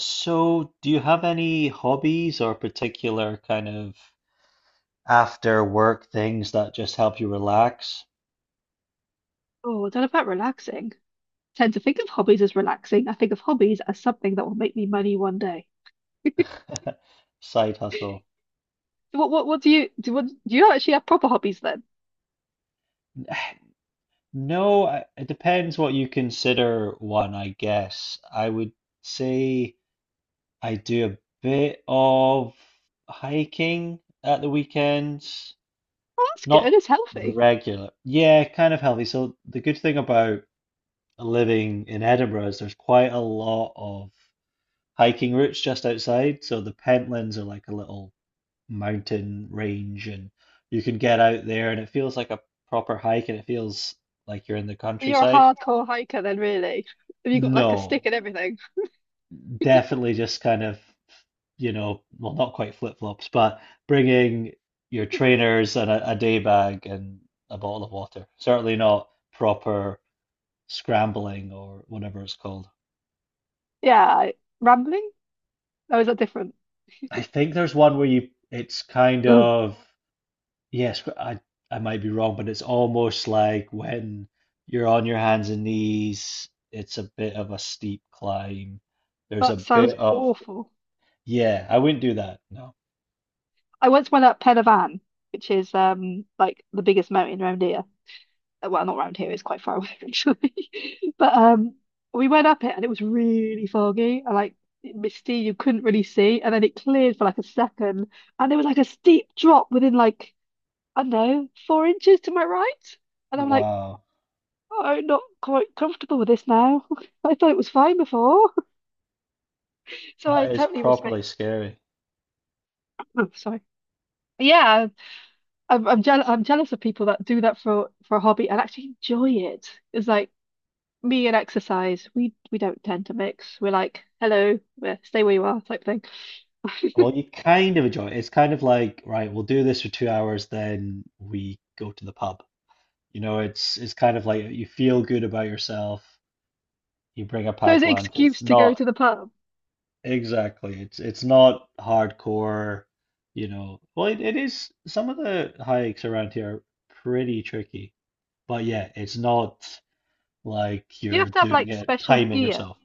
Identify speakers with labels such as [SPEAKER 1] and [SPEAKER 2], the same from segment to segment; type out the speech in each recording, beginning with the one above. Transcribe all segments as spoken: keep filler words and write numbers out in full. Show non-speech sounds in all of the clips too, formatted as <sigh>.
[SPEAKER 1] So, do you have any hobbies or particular kind of after work things that just help you relax?
[SPEAKER 2] Oh, don't know about relaxing. Tend to think of hobbies as relaxing. I think of hobbies as something that will make me money one day. <laughs>
[SPEAKER 1] <laughs> Side hustle.
[SPEAKER 2] So What what what do you do? What, do you actually have proper hobbies then?
[SPEAKER 1] No, I- it depends what you consider one, I guess. I would say I do a bit of hiking at the weekends,
[SPEAKER 2] Oh, that's good.
[SPEAKER 1] not
[SPEAKER 2] It's healthy.
[SPEAKER 1] regular. Yeah, kind of healthy. So the good thing about living in Edinburgh is there's quite a lot of hiking routes just outside. So the Pentlands are like a little mountain range, and you can get out there, and it feels like a proper hike, and it feels like you're in the
[SPEAKER 2] So You're a
[SPEAKER 1] countryside.
[SPEAKER 2] hardcore hiker then, really. Have you got like a stick
[SPEAKER 1] No,
[SPEAKER 2] and everything?
[SPEAKER 1] definitely just kind of, you know, well, not quite flip-flops, but bringing your trainers and a, a day bag and a bottle of water. Certainly not proper scrambling or whatever it's called.
[SPEAKER 2] Yeah, I- rambling? Oh, is that different? <clears throat>
[SPEAKER 1] I think there's one where you, it's kind of, yes, but I I might be wrong, but it's almost like when you're on your hands and knees, it's a bit of a steep climb. There's
[SPEAKER 2] That
[SPEAKER 1] a
[SPEAKER 2] sounds
[SPEAKER 1] bit of,
[SPEAKER 2] awful.
[SPEAKER 1] yeah, I wouldn't do that. No.
[SPEAKER 2] I once went up Pen y Fan, which is um like the biggest mountain around here. Well, not around here, it's quite far away actually. <laughs> But um we went up it and it was really foggy and like misty, you couldn't really see. And then it cleared for like a second, and there was like a steep drop within like, I don't know, four inches to my right. And I'm like,
[SPEAKER 1] Wow.
[SPEAKER 2] oh, I'm not quite comfortable with this now. <laughs> I thought it was fine before. <laughs> So I
[SPEAKER 1] That is
[SPEAKER 2] totally
[SPEAKER 1] properly
[SPEAKER 2] respect.
[SPEAKER 1] scary.
[SPEAKER 2] Oh, sorry. Yeah, I'm I'm jealous. I'm jealous of people that do that for for a hobby and actually enjoy it. It's like me and exercise, we we don't tend to mix. We're like, hello, yeah, stay where you are type thing.
[SPEAKER 1] Well, you kind of enjoy it. It's kind of like, right, we'll do this for two hours, then we go to the pub. You know, it's it's kind of like you feel good about yourself, you bring a
[SPEAKER 2] So
[SPEAKER 1] pack
[SPEAKER 2] it's an
[SPEAKER 1] lunch. It's
[SPEAKER 2] excuse to go
[SPEAKER 1] not.
[SPEAKER 2] to the pub.
[SPEAKER 1] Exactly. It's it's not hardcore, you know. Well, it, it is, some of the hikes around here are pretty tricky. But yeah, it's not like
[SPEAKER 2] Do you
[SPEAKER 1] you're
[SPEAKER 2] have to have
[SPEAKER 1] doing
[SPEAKER 2] like
[SPEAKER 1] it,
[SPEAKER 2] special
[SPEAKER 1] timing
[SPEAKER 2] gear?
[SPEAKER 1] yourself.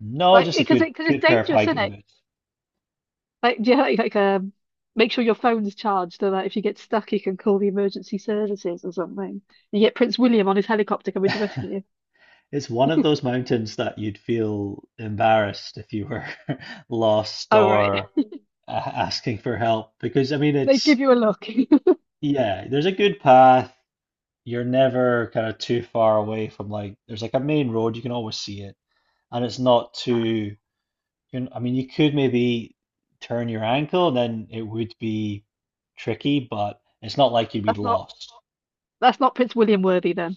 [SPEAKER 1] No,
[SPEAKER 2] Like,
[SPEAKER 1] just a
[SPEAKER 2] because it,
[SPEAKER 1] good
[SPEAKER 2] because it's
[SPEAKER 1] good pair of
[SPEAKER 2] dangerous, isn't
[SPEAKER 1] hiking
[SPEAKER 2] it?
[SPEAKER 1] boots.
[SPEAKER 2] Like, do you like, like, um, make sure your phone's charged so that if you get stuck, you can call the emergency services or something. You get Prince William on his helicopter coming to rescue
[SPEAKER 1] <laughs>
[SPEAKER 2] you.
[SPEAKER 1] It's one of those mountains that you'd feel embarrassed if you were <laughs> lost
[SPEAKER 2] Oh, right.
[SPEAKER 1] or
[SPEAKER 2] <laughs>
[SPEAKER 1] a- asking for help, because I mean,
[SPEAKER 2] They
[SPEAKER 1] it's,
[SPEAKER 2] give you a look. <laughs>
[SPEAKER 1] yeah, there's a good path. You're never kind of too far away from, like, there's like a main road, you can always see it, and it's not too, you know, I mean, you could maybe turn your ankle, then it would be tricky, but it's not like you'd be
[SPEAKER 2] That's not
[SPEAKER 1] lost.
[SPEAKER 2] that's not Prince William worthy then.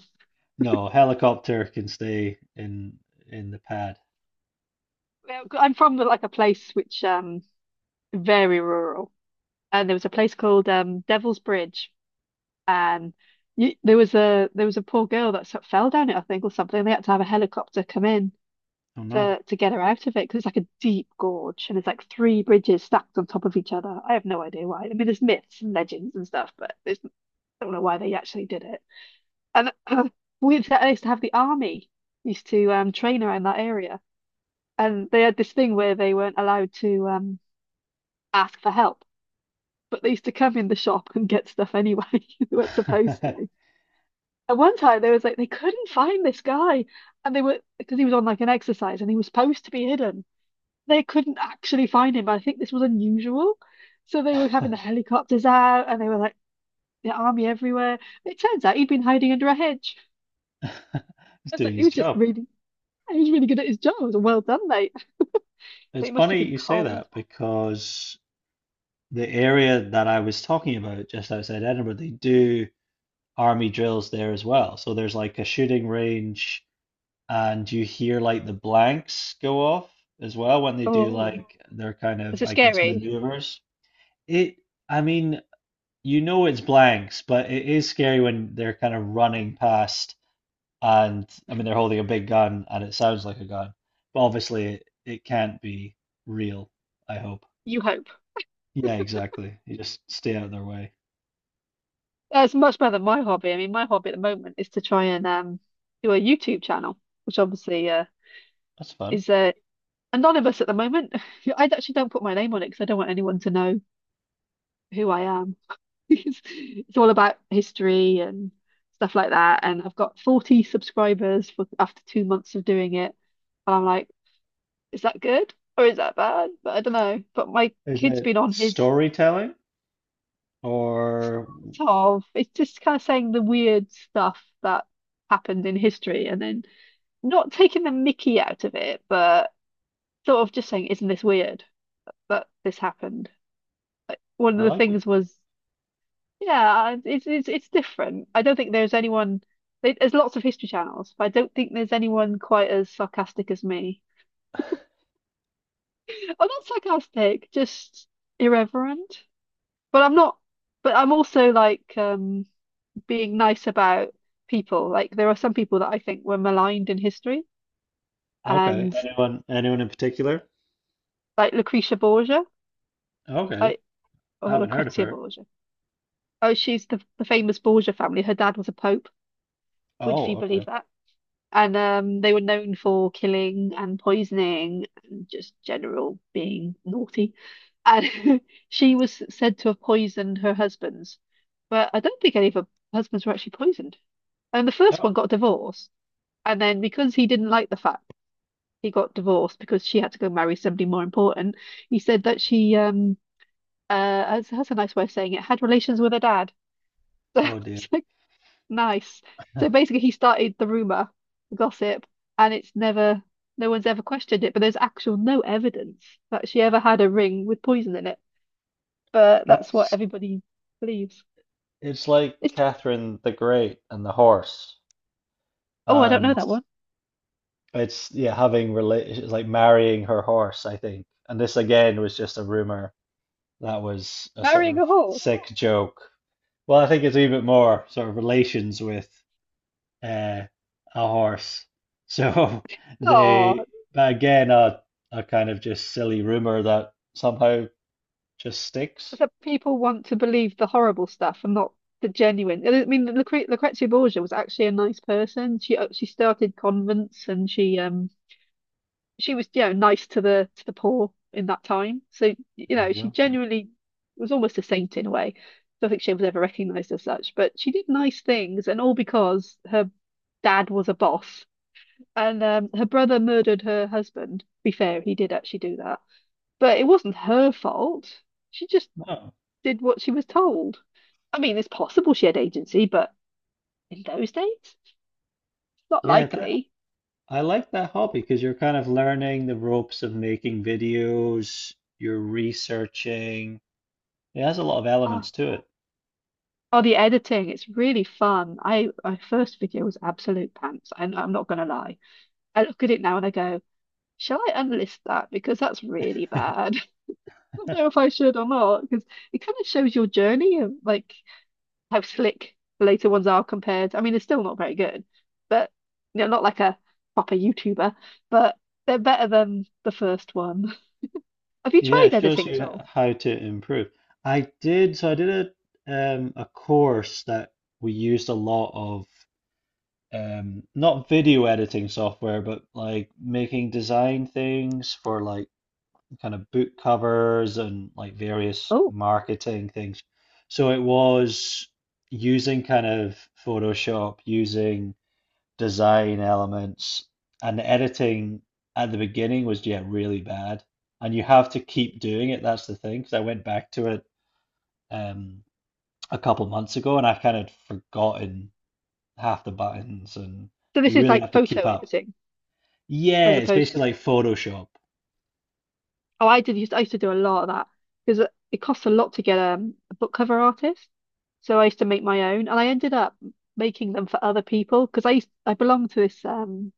[SPEAKER 1] No helicopter can stay in in the pad.
[SPEAKER 2] Well, I'm from like a place which um very rural. And there was a place called um, Devil's Bridge, and you, there was a there was a poor girl that sort of fell down it, I think, or something. They had to have a helicopter come in
[SPEAKER 1] Oh no.
[SPEAKER 2] to to get her out of it, because it's like a deep gorge, and it's like three bridges stacked on top of each other. I have no idea why. I mean, there's myths and legends and stuff, but there's, I don't know why they actually did it. And <laughs> uh, we used to used to have the army used to um, train around that area, and they had this thing where they weren't allowed to um, ask for help. But they used to come in the shop and get stuff anyway. <laughs> They weren't supposed to.
[SPEAKER 1] <laughs>
[SPEAKER 2] At one time, there was like they couldn't find this guy, and they were because he was on like an exercise and he was supposed to be hidden. They couldn't actually find him, but I think this was unusual. So they were having the helicopters out, and they were like the army everywhere. It turns out he'd been hiding under a hedge.
[SPEAKER 1] He's
[SPEAKER 2] I was
[SPEAKER 1] doing
[SPEAKER 2] like, he
[SPEAKER 1] his
[SPEAKER 2] was just
[SPEAKER 1] job.
[SPEAKER 2] really, he was really good at his job. I was like, well done, mate. <laughs> But
[SPEAKER 1] It's
[SPEAKER 2] it must have
[SPEAKER 1] funny
[SPEAKER 2] been
[SPEAKER 1] you say
[SPEAKER 2] cold.
[SPEAKER 1] that, because the area that I was talking about just outside Edinburgh, they do army drills there as well. So there's like a shooting range, and you hear like the blanks go off as well when they do
[SPEAKER 2] Oh,
[SPEAKER 1] like their kind
[SPEAKER 2] is
[SPEAKER 1] of,
[SPEAKER 2] it
[SPEAKER 1] I guess,
[SPEAKER 2] scary?
[SPEAKER 1] maneuvers. It, I mean, you know it's blanks, but it is scary when they're kind of running past, and I mean, they're holding a big gun, and it sounds like a gun, but obviously it, it can't be real, I hope.
[SPEAKER 2] You hope.
[SPEAKER 1] Yeah, exactly. You just stay out of their way.
[SPEAKER 2] Uh, It's much better than my hobby. I mean, my hobby at the moment is to try and um, do a YouTube channel, which obviously uh,
[SPEAKER 1] That's fun.
[SPEAKER 2] is uh, anonymous at the moment. <laughs> I actually don't put my name on it because I don't want anyone to know who I am. <laughs> It's, it's all about history and stuff like that. And I've got forty subscribers for after two months of doing it. And I'm like, is that good or is that bad? But I don't know. But my
[SPEAKER 1] Is
[SPEAKER 2] kid's
[SPEAKER 1] it
[SPEAKER 2] been on his
[SPEAKER 1] storytelling or
[SPEAKER 2] sort of, it's just kind of saying the weird stuff that happened in history, and then not taking the mickey out of it, but sort of just saying, isn't this weird? But this happened. One
[SPEAKER 1] I
[SPEAKER 2] of the
[SPEAKER 1] like it?
[SPEAKER 2] things was, yeah, it's it's it's different. I don't think there's anyone. there- There's lots of history channels, but I don't think there's anyone quite as sarcastic as me. I'm not sarcastic, just irreverent. But I'm not. But I'm also like um, being nice about people. Like there are some people that I think were maligned in history,
[SPEAKER 1] Okay.
[SPEAKER 2] and
[SPEAKER 1] Anyone anyone in particular?
[SPEAKER 2] like Lucretia Borgia,
[SPEAKER 1] Okay.
[SPEAKER 2] I
[SPEAKER 1] I
[SPEAKER 2] or
[SPEAKER 1] haven't heard of
[SPEAKER 2] Lucrezia
[SPEAKER 1] her.
[SPEAKER 2] Borgia. Oh, she's the, the famous Borgia family. Her dad was a pope. Would you
[SPEAKER 1] Oh,
[SPEAKER 2] believe
[SPEAKER 1] okay.
[SPEAKER 2] that? And um, they were known for killing and poisoning and just general being naughty. And <laughs> she was said to have poisoned her husbands, but I don't think any of her husbands were actually poisoned. And the first one
[SPEAKER 1] Oh.
[SPEAKER 2] got divorced. And then because he didn't like the fact he got divorced because she had to go marry somebody more important, he said that she um uh that's, that's a nice way of saying it, had relations with her dad. <laughs>
[SPEAKER 1] Oh dear.
[SPEAKER 2] So nice. So
[SPEAKER 1] <laughs>
[SPEAKER 2] basically, he started the rumor, the gossip, and it's never, no one's ever questioned it, but there's actual no evidence that she ever had a ring with poison in it. But that's what
[SPEAKER 1] That's
[SPEAKER 2] everybody believes.
[SPEAKER 1] it's like
[SPEAKER 2] It's,
[SPEAKER 1] Catherine the Great and the horse.
[SPEAKER 2] oh, I don't
[SPEAKER 1] And
[SPEAKER 2] know that one.
[SPEAKER 1] it's, yeah, having rela it's like marrying her horse, I think. And this again was just a rumor that was a sort
[SPEAKER 2] Marrying
[SPEAKER 1] of
[SPEAKER 2] a horse.
[SPEAKER 1] sick joke. Well, I think it's even more sort of relations with uh, a horse. So <laughs>
[SPEAKER 2] Oh,
[SPEAKER 1] they, but again, a a kind of just silly rumor that somehow just sticks.
[SPEAKER 2] so people want to believe the horrible stuff and not the genuine. I mean, Lucre Lucrezia Borgia was actually a nice person. She uh, she started convents and she um she was, you know, nice to the to the poor in that time. So, you know, she
[SPEAKER 1] Yeah. you
[SPEAKER 2] genuinely was almost a saint in a way. I don't think she was ever recognized as such, but she did nice things, and all because her dad was a boss, and um, her brother murdered her husband. To be fair, he did actually do that, but it wasn't her fault. She just
[SPEAKER 1] Oh,
[SPEAKER 2] did what she was told. I mean, it's possible she had agency, but in those days, not
[SPEAKER 1] yeah, that
[SPEAKER 2] likely.
[SPEAKER 1] I like that hobby, because you're kind of learning the ropes of making videos, you're researching. It has a lot of
[SPEAKER 2] Oh,
[SPEAKER 1] elements to
[SPEAKER 2] oh, the editing, it's really fun. I My first video was absolute pants. I'm, I'm not gonna lie. I look at it now and I go, shall I unlist that? Because that's really
[SPEAKER 1] it.
[SPEAKER 2] bad. <laughs> I don't
[SPEAKER 1] <laughs>
[SPEAKER 2] know if I should or not, because it kind of shows your journey of like how slick the later ones are compared. I mean, they're still not very good, but you know, not like a proper YouTuber, but they're better than the first one. <laughs> Have you
[SPEAKER 1] Yeah,
[SPEAKER 2] tried
[SPEAKER 1] it shows
[SPEAKER 2] editing at
[SPEAKER 1] you
[SPEAKER 2] all?
[SPEAKER 1] how to improve. I did, so I did a um a course that we used a lot of, um not video editing software, but like making design things for, like, kind of book covers and like various
[SPEAKER 2] Oh.
[SPEAKER 1] marketing things. So it was using kind of Photoshop, using design elements. And the editing at the beginning was, yeah, really bad, and you have to keep doing it. That's the thing, because I went back to it, um a couple months ago, and I've kind of forgotten half the buttons, and
[SPEAKER 2] So this
[SPEAKER 1] you
[SPEAKER 2] is
[SPEAKER 1] really have
[SPEAKER 2] like
[SPEAKER 1] to keep
[SPEAKER 2] photo
[SPEAKER 1] up.
[SPEAKER 2] editing
[SPEAKER 1] Yeah,
[SPEAKER 2] as
[SPEAKER 1] it's
[SPEAKER 2] opposed.
[SPEAKER 1] basically like Photoshop.
[SPEAKER 2] Oh, I did used I used to do a lot of that because it costs a lot to get um, a book cover artist. So I used to make my own, and I ended up making them for other people because I used, I belonged to this um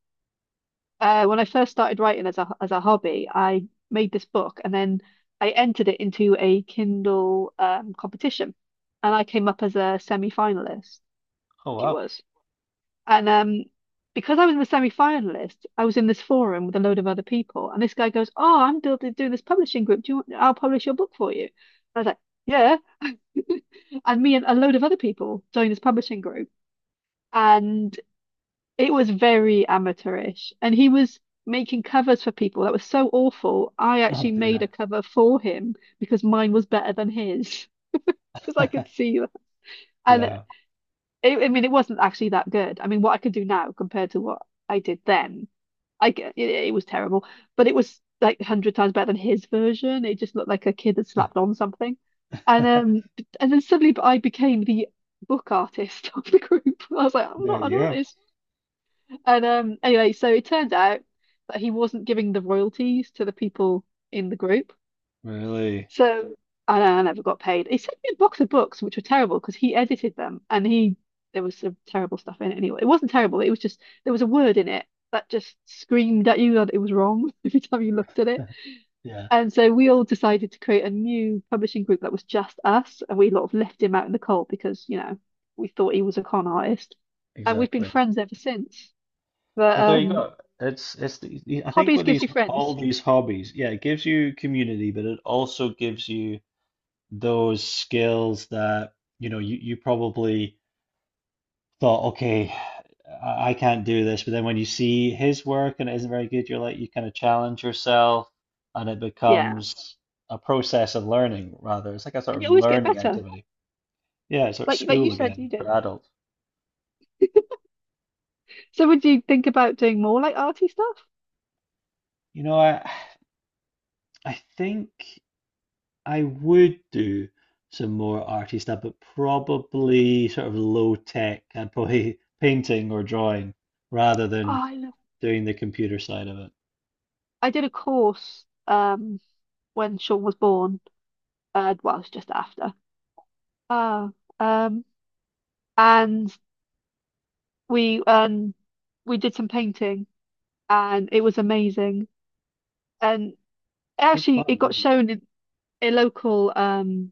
[SPEAKER 2] uh when I first started writing as a as a hobby, I made this book and then I entered it into a Kindle um competition, and I came up as a semi-finalist.
[SPEAKER 1] Oh
[SPEAKER 2] I It
[SPEAKER 1] wow.
[SPEAKER 2] was. And um, because I was in the semi-finalist, I was in this forum with a load of other people. And this guy goes, "Oh, I'm doing doing this publishing group. Do you want, I'll publish your book for you." I was like, "Yeah." <laughs> And me and a load of other people joined this publishing group, and it was very amateurish. And he was making covers for people that was so awful. I
[SPEAKER 1] Oh
[SPEAKER 2] actually made a
[SPEAKER 1] dear.
[SPEAKER 2] cover for him because mine was better than his, <laughs> because I could
[SPEAKER 1] <laughs>
[SPEAKER 2] see that. And
[SPEAKER 1] Yeah.
[SPEAKER 2] it, I mean, it wasn't actually that good. I mean, what I could do now compared to what I did then I g- it, it was terrible, but it was like a hundred times better than his version. It just looked like a kid had
[SPEAKER 1] <laughs>
[SPEAKER 2] slapped on something, and um, and then suddenly I became the book artist <laughs> of the group. I was like, I'm
[SPEAKER 1] There
[SPEAKER 2] not an
[SPEAKER 1] you go.
[SPEAKER 2] artist. And um, anyway, so it turned out that he wasn't giving the royalties to the people in the group,
[SPEAKER 1] Really.
[SPEAKER 2] so I, I never got paid. He sent me a box of books, which were terrible because he edited them and he there was some terrible stuff in it anyway. It wasn't terrible, it was just there was a word in it that just screamed at you that it was wrong <laughs> every time you looked at it.
[SPEAKER 1] <laughs> Yeah.
[SPEAKER 2] And so we all decided to create a new publishing group that was just us, and we sort of left him out in the cold because, you know, we thought he was a con artist. And we've been
[SPEAKER 1] Exactly.
[SPEAKER 2] friends ever since. But
[SPEAKER 1] Well, there you
[SPEAKER 2] um
[SPEAKER 1] go. It's it's the, the- I think,
[SPEAKER 2] Hobbies
[SPEAKER 1] with
[SPEAKER 2] gives
[SPEAKER 1] these,
[SPEAKER 2] you
[SPEAKER 1] all
[SPEAKER 2] friends.
[SPEAKER 1] these hobbies, yeah, it gives you community, but it also gives you those skills that, you know, you, you probably thought, okay, I I can't do this. But then when you see his work and it isn't very good, you're like, you kind of challenge yourself, and it
[SPEAKER 2] Yeah.
[SPEAKER 1] becomes a process of learning, rather. It's like a sort
[SPEAKER 2] And
[SPEAKER 1] of
[SPEAKER 2] you always get
[SPEAKER 1] learning
[SPEAKER 2] better.
[SPEAKER 1] activity. Yeah, it's sort of
[SPEAKER 2] Like like you
[SPEAKER 1] school
[SPEAKER 2] said
[SPEAKER 1] again
[SPEAKER 2] you
[SPEAKER 1] for
[SPEAKER 2] did.
[SPEAKER 1] adults.
[SPEAKER 2] So would you think about doing more like arty stuff?
[SPEAKER 1] You know, I I think I would do some more arty stuff, but probably sort of low tech. I'd probably <laughs> painting or drawing, rather
[SPEAKER 2] Oh,
[SPEAKER 1] than
[SPEAKER 2] I love
[SPEAKER 1] doing the computer side of it.
[SPEAKER 2] I did a course um when Sean was born. Uh, well it's just after. Oh, um and we um we did some painting and it was amazing. And
[SPEAKER 1] It's good
[SPEAKER 2] actually
[SPEAKER 1] fun,
[SPEAKER 2] it got
[SPEAKER 1] definitely.
[SPEAKER 2] shown in a local um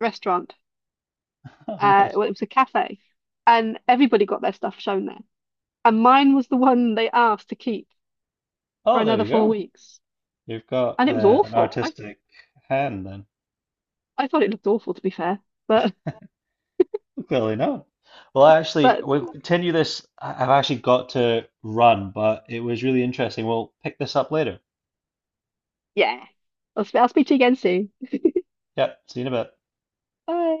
[SPEAKER 2] restaurant.
[SPEAKER 1] <laughs> Oh,
[SPEAKER 2] Uh,
[SPEAKER 1] nice.
[SPEAKER 2] well it was a cafe and everybody got their stuff shown there. And mine was the one they asked to keep for
[SPEAKER 1] Oh, there
[SPEAKER 2] another
[SPEAKER 1] you
[SPEAKER 2] four
[SPEAKER 1] go.
[SPEAKER 2] weeks.
[SPEAKER 1] You've got
[SPEAKER 2] And it was
[SPEAKER 1] uh, an
[SPEAKER 2] awful. I
[SPEAKER 1] artistic hand then.
[SPEAKER 2] I thought it looked awful to be fair. But
[SPEAKER 1] Clearly not. Well, actually,
[SPEAKER 2] But
[SPEAKER 1] we'll continue this. I- I've actually got to run, but it was really interesting. We'll pick this up later.
[SPEAKER 2] yeah, I'll, sp- I'll speak to you again soon.
[SPEAKER 1] Yep, see you in a bit.
[SPEAKER 2] Bye.